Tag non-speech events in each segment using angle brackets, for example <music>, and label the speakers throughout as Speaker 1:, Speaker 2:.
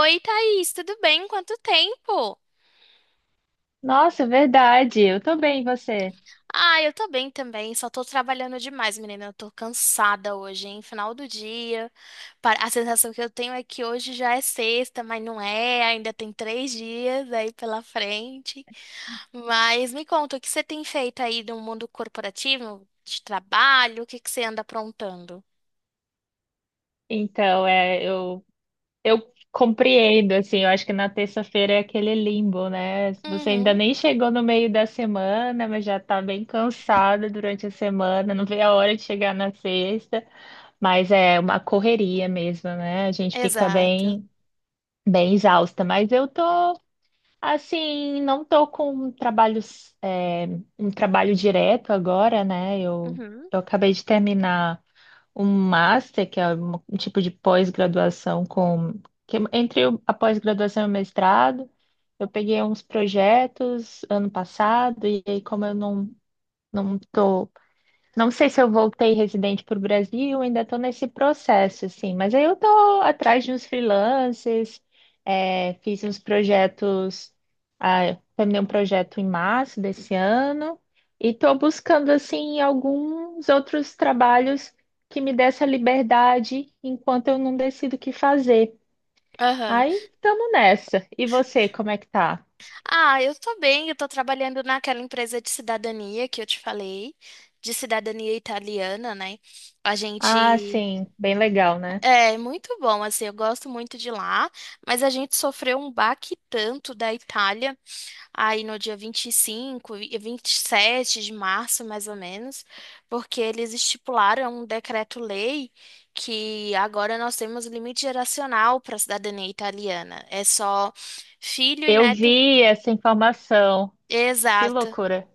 Speaker 1: Oi, Thaís, tudo bem? Quanto tempo?
Speaker 2: Nossa, verdade. Eu também, você.
Speaker 1: Ah, eu tô bem também, só tô trabalhando demais, menina. Eu tô cansada hoje, hein? Final do dia. A sensação que eu tenho é que hoje já é sexta, mas não é, ainda tem três dias aí pela frente. Mas me conta, o que você tem feito aí no mundo corporativo, de trabalho? O que que você anda aprontando?
Speaker 2: Então, é, eu, eu compreendo, assim, eu acho que na terça-feira é aquele limbo, né? Você ainda
Speaker 1: Uhum,
Speaker 2: nem chegou no meio da semana, mas já tá bem cansado durante a semana, não vê a hora de chegar na sexta, mas é uma correria mesmo, né? A gente fica
Speaker 1: exato.
Speaker 2: bem exausta, mas eu tô assim, não tô com um trabalho direto agora, né?
Speaker 1: Uhum.
Speaker 2: Eu acabei de terminar um master, que é um tipo de pós-graduação com que é entre a pós-graduação e o mestrado. Eu peguei uns projetos ano passado e aí como eu não não sei se eu voltei residente para o Brasil, ainda estou nesse processo, assim, mas aí eu estou atrás de uns freelances, fiz uns projetos. Eu terminei um projeto em março desse ano e estou buscando, assim, alguns outros trabalhos que me dê essa liberdade enquanto eu não decido o que fazer. Aí estamos nessa. E você, como é que tá?
Speaker 1: Ah, eu tô bem, eu tô trabalhando naquela empresa de cidadania que eu te falei, de cidadania italiana, né? A
Speaker 2: Ah,
Speaker 1: gente
Speaker 2: sim, bem legal, né?
Speaker 1: é muito bom, assim, eu gosto muito de lá, mas a gente sofreu um baque tanto da Itália aí no dia 25 e 27 de março, mais ou menos, porque eles estipularam um decreto-lei que agora nós temos limite geracional para a cidadania italiana. É só filho e
Speaker 2: Eu
Speaker 1: neto.
Speaker 2: vi essa informação. Que
Speaker 1: Exato.
Speaker 2: loucura.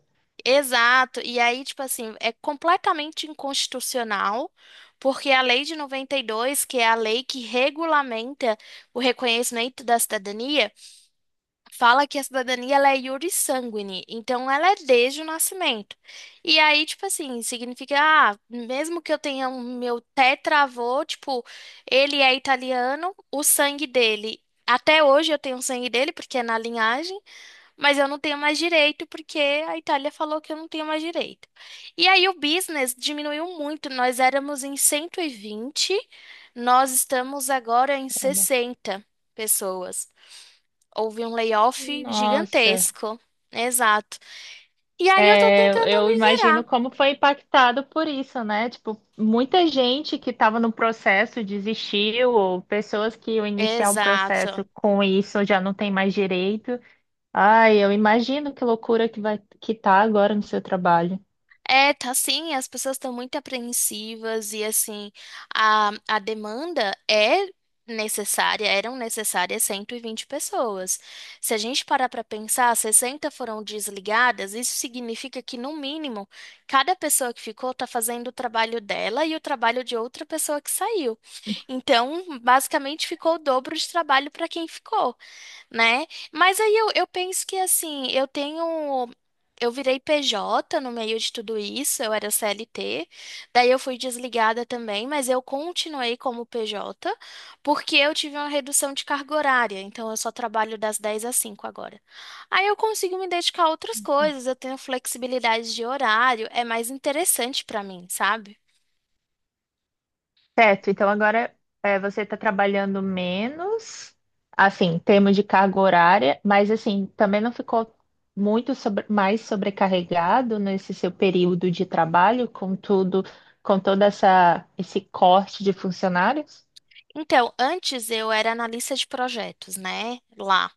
Speaker 1: Exato. E aí, tipo assim, é completamente inconstitucional, porque a Lei de 92, que é a lei que regulamenta o reconhecimento da cidadania, fala que a cidadania ela é iure sanguine, então ela é desde o nascimento. E aí, tipo assim, significa, ah, mesmo que eu tenha um meu tetravô, tipo, ele é italiano, o sangue dele. Até hoje eu tenho o sangue dele, porque é na linhagem. Mas eu não tenho mais direito porque a Itália falou que eu não tenho mais direito. E aí o business diminuiu muito. Nós éramos em 120, nós estamos agora em 60 pessoas. Houve um layoff
Speaker 2: Nossa,
Speaker 1: gigantesco. Exato. E aí eu tô
Speaker 2: é,
Speaker 1: tentando
Speaker 2: eu
Speaker 1: me virar.
Speaker 2: imagino como foi impactado por isso, né? Tipo, muita gente que estava no processo desistiu, ou pessoas que iam iniciar o
Speaker 1: Exato.
Speaker 2: processo com isso já não tem mais direito. Ai, eu imagino que loucura que vai que tá agora no seu trabalho.
Speaker 1: É, tá sim, as pessoas estão muito apreensivas e assim, a demanda é necessária, eram necessárias 120 pessoas. Se a gente parar para pensar, 60 foram desligadas, isso significa que no mínimo, cada pessoa que ficou está fazendo o trabalho dela e o trabalho de outra pessoa que saiu. Então, basicamente ficou o dobro de trabalho para quem ficou, né? Mas aí eu penso que assim, eu tenho. Eu virei PJ no meio de tudo isso, eu era CLT, daí eu fui desligada também, mas eu continuei como PJ, porque eu tive uma redução de carga horária, então eu só trabalho das 10 às 5 agora. Aí eu consigo me dedicar a outras coisas, eu tenho flexibilidade de horário, é mais interessante pra mim, sabe?
Speaker 2: Certo, então agora é, você está trabalhando menos, assim, em termos de carga horária, mas assim, também não ficou muito mais sobrecarregado nesse seu período de trabalho, com tudo, com toda essa esse corte de funcionários?
Speaker 1: Então, antes eu era analista de projetos, né? Lá.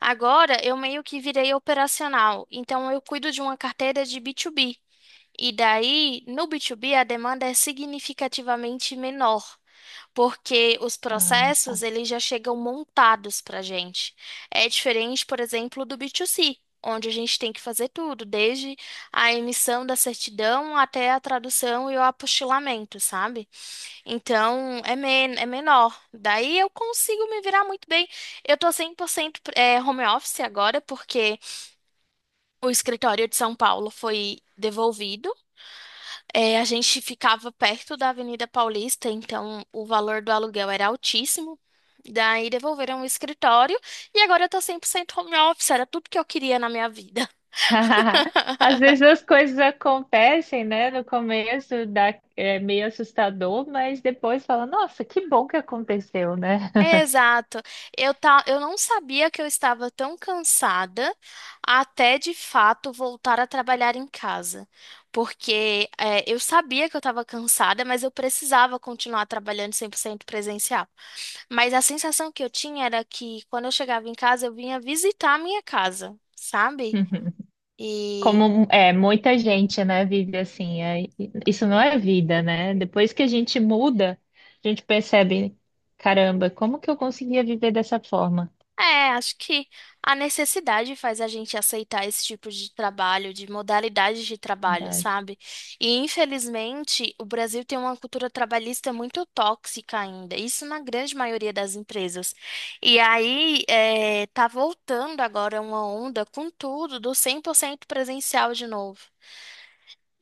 Speaker 1: Agora eu meio que virei operacional, então eu cuido de uma carteira de B2B. E daí, no B2B, a demanda é significativamente menor, porque os
Speaker 2: Ah,
Speaker 1: processos
Speaker 2: tá.
Speaker 1: eles já chegam montados para a gente. É diferente, por exemplo, do B2C, onde a gente tem que fazer tudo, desde a emissão da certidão até a tradução e o apostilamento, sabe? Então, é, men é menor. Daí eu consigo me virar muito bem. Eu tô 100% home office agora, porque o escritório de São Paulo foi devolvido. É, a gente ficava perto da Avenida Paulista, então o valor do aluguel era altíssimo. Daí devolveram o escritório e agora eu tô 100% home office. Era tudo que eu queria na minha vida.
Speaker 2: <laughs> Às vezes
Speaker 1: <laughs>
Speaker 2: as coisas acontecem, né? No começo dá, é meio assustador, mas depois fala, nossa, que bom que aconteceu, né?
Speaker 1: Exato. Eu, tá, eu não sabia que eu estava tão cansada até de fato voltar a trabalhar em casa. Porque é, eu sabia que eu estava cansada, mas eu precisava continuar trabalhando 100% presencial. Mas a sensação que eu tinha era que quando eu chegava em casa, eu vinha visitar a minha casa, sabe?
Speaker 2: <laughs>
Speaker 1: E
Speaker 2: Como é, muita gente, né, vive assim. Isso não é vida, né? Depois que a gente muda, a gente percebe, caramba, como que eu conseguia viver dessa forma?
Speaker 1: é, acho que a necessidade faz a gente aceitar esse tipo de trabalho, de modalidade de trabalho,
Speaker 2: Verdade.
Speaker 1: sabe? E infelizmente o Brasil tem uma cultura trabalhista muito tóxica ainda, isso na grande maioria das empresas. E aí é, tá voltando agora uma onda com tudo do 100% presencial de novo.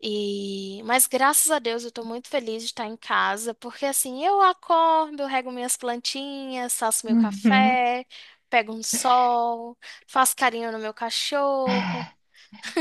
Speaker 1: E, mas graças a Deus eu tô muito feliz de estar em casa, porque assim, eu acordo, eu rego minhas plantinhas, faço meu
Speaker 2: <laughs>
Speaker 1: café, pego um sol, faço carinho no meu cachorro.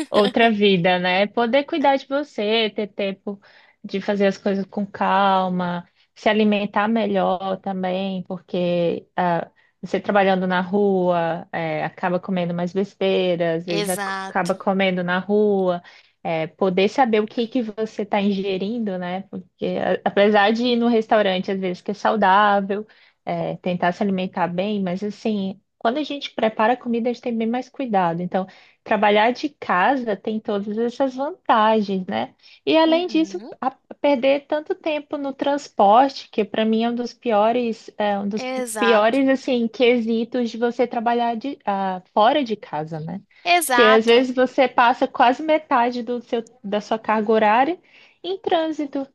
Speaker 2: Outra vida, né? Poder cuidar de você, ter tempo de fazer as coisas com calma, se alimentar melhor também, porque você trabalhando na rua, acaba comendo mais besteira, às vezes acaba
Speaker 1: Exato.
Speaker 2: comendo na rua. Eh, poder saber o que que você está ingerindo, né? Porque apesar de ir no restaurante, às vezes que é saudável, tentar se alimentar bem, mas assim, quando a gente prepara a comida, a gente tem bem mais cuidado. Então, trabalhar de casa tem todas essas vantagens, né? E além disso,
Speaker 1: Uhum,
Speaker 2: perder tanto tempo no transporte, que para mim é um dos piores, é, um dos
Speaker 1: exato.
Speaker 2: piores assim quesitos de você trabalhar de, fora de casa, né? Porque às
Speaker 1: Exato.
Speaker 2: vezes você passa quase metade do da sua carga horária em trânsito.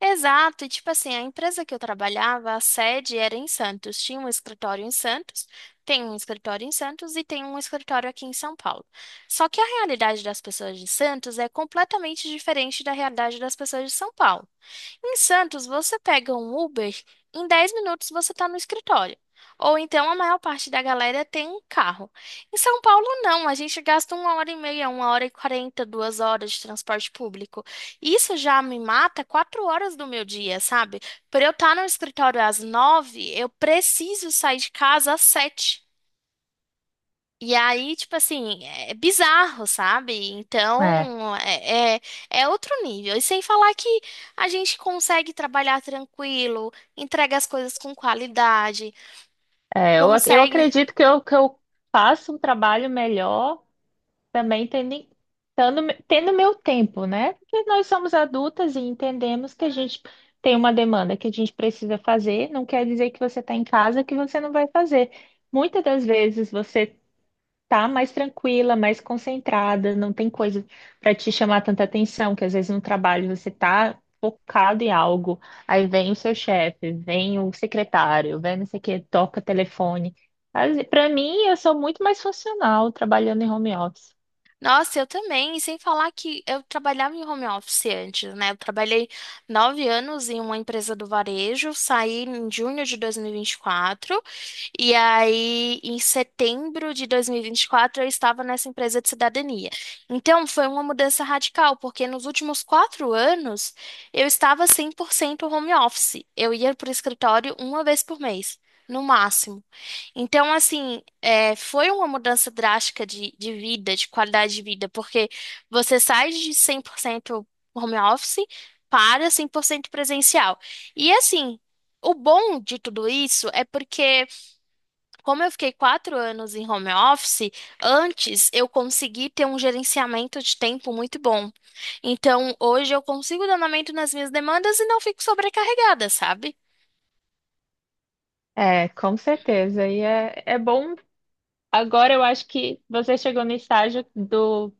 Speaker 1: Exato, e tipo assim, a empresa que eu trabalhava, a sede era em Santos. Tinha um escritório em Santos, tem um escritório em Santos e tem um escritório aqui em São Paulo. Só que a realidade das pessoas de Santos é completamente diferente da realidade das pessoas de São Paulo. Em Santos, você pega um Uber, em 10 minutos você está no escritório. Ou então a maior parte da galera tem um carro. Em São Paulo, não. A gente gasta uma hora e meia, uma hora e quarenta, 2 horas de transporte público. Isso já me mata 4 horas do meu dia, sabe? Para eu estar no escritório às nove, eu preciso sair de casa às sete. E aí, tipo assim, é bizarro, sabe?
Speaker 2: É,
Speaker 1: Então, é outro nível. E sem falar que a gente consegue trabalhar tranquilo, entrega as coisas com qualidade,
Speaker 2: eu
Speaker 1: consegue
Speaker 2: acredito que eu faço um trabalho melhor também tendo, tendo meu tempo, né? Porque nós somos adultas e entendemos que a gente tem uma demanda que a gente precisa fazer, não quer dizer que você está em casa que você não vai fazer. Muitas das vezes você tá mais tranquila, mais concentrada, não tem coisa para te chamar tanta atenção, que às vezes no trabalho você tá focado em algo, aí vem o seu chefe, vem o secretário, vem não sei o que, toca telefone. Para mim, eu sou muito mais funcional trabalhando em home office.
Speaker 1: Nossa, eu também. E sem falar que eu trabalhava em home office antes, né? Eu trabalhei 9 anos em uma empresa do varejo, saí em junho de dois mil e vinte e quatro e aí em setembro de dois mil e vinte e quatro, eu estava nessa empresa de cidadania. Então foi uma mudança radical, porque nos últimos 4 anos eu estava 100% home office. Eu ia para o escritório uma vez por mês, no máximo. Então, assim, é, foi uma mudança drástica de vida, de qualidade de vida, porque você sai de 100% home office para 100% presencial. E, assim, o bom de tudo isso é porque, como eu fiquei 4 anos em home office, antes eu consegui ter um gerenciamento de tempo muito bom. Então, hoje eu consigo dar andamento nas minhas demandas e não fico sobrecarregada, sabe?
Speaker 2: É, com certeza. E é, é bom. Agora eu acho que você chegou no estágio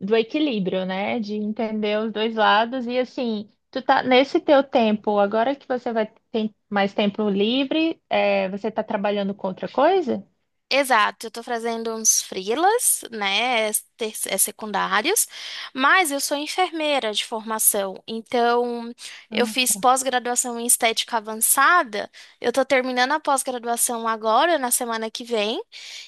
Speaker 2: do equilíbrio, né? De entender os dois lados. E assim, tu tá nesse teu tempo, agora que você vai ter mais tempo livre, é, você tá trabalhando com outra coisa?
Speaker 1: Exato, eu tô fazendo uns freelas, né, é, secundários, mas eu sou enfermeira de formação, então eu fiz pós-graduação em estética avançada, eu tô terminando a pós-graduação agora, na semana que vem,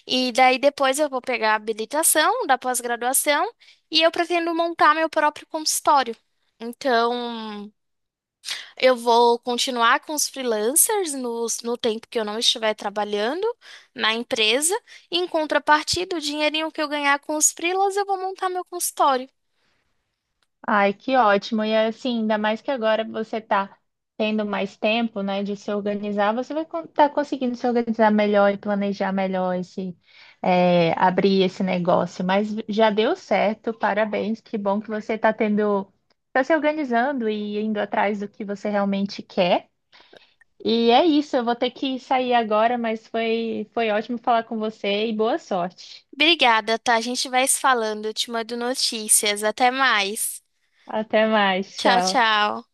Speaker 1: e daí depois eu vou pegar a habilitação da pós-graduação e eu pretendo montar meu próprio consultório. Então, eu vou continuar com os freelancers no tempo que eu não estiver trabalhando na empresa. E, em contrapartida, o dinheirinho que eu ganhar com os freelas, eu vou montar meu consultório.
Speaker 2: Ai, que ótimo. E assim, ainda mais que agora você está tendo mais tempo, né, de se organizar, você vai estar conseguindo se organizar melhor e planejar melhor esse, é, abrir esse negócio. Mas já deu certo, parabéns. Que bom que você está tendo, está se organizando e indo atrás do que você realmente quer. E é isso, eu vou ter que sair agora, mas foi ótimo falar com você e boa sorte.
Speaker 1: Obrigada, tá? A gente vai se falando. Eu te mando notícias. Até mais.
Speaker 2: Até mais,
Speaker 1: Tchau,
Speaker 2: tchau.
Speaker 1: tchau.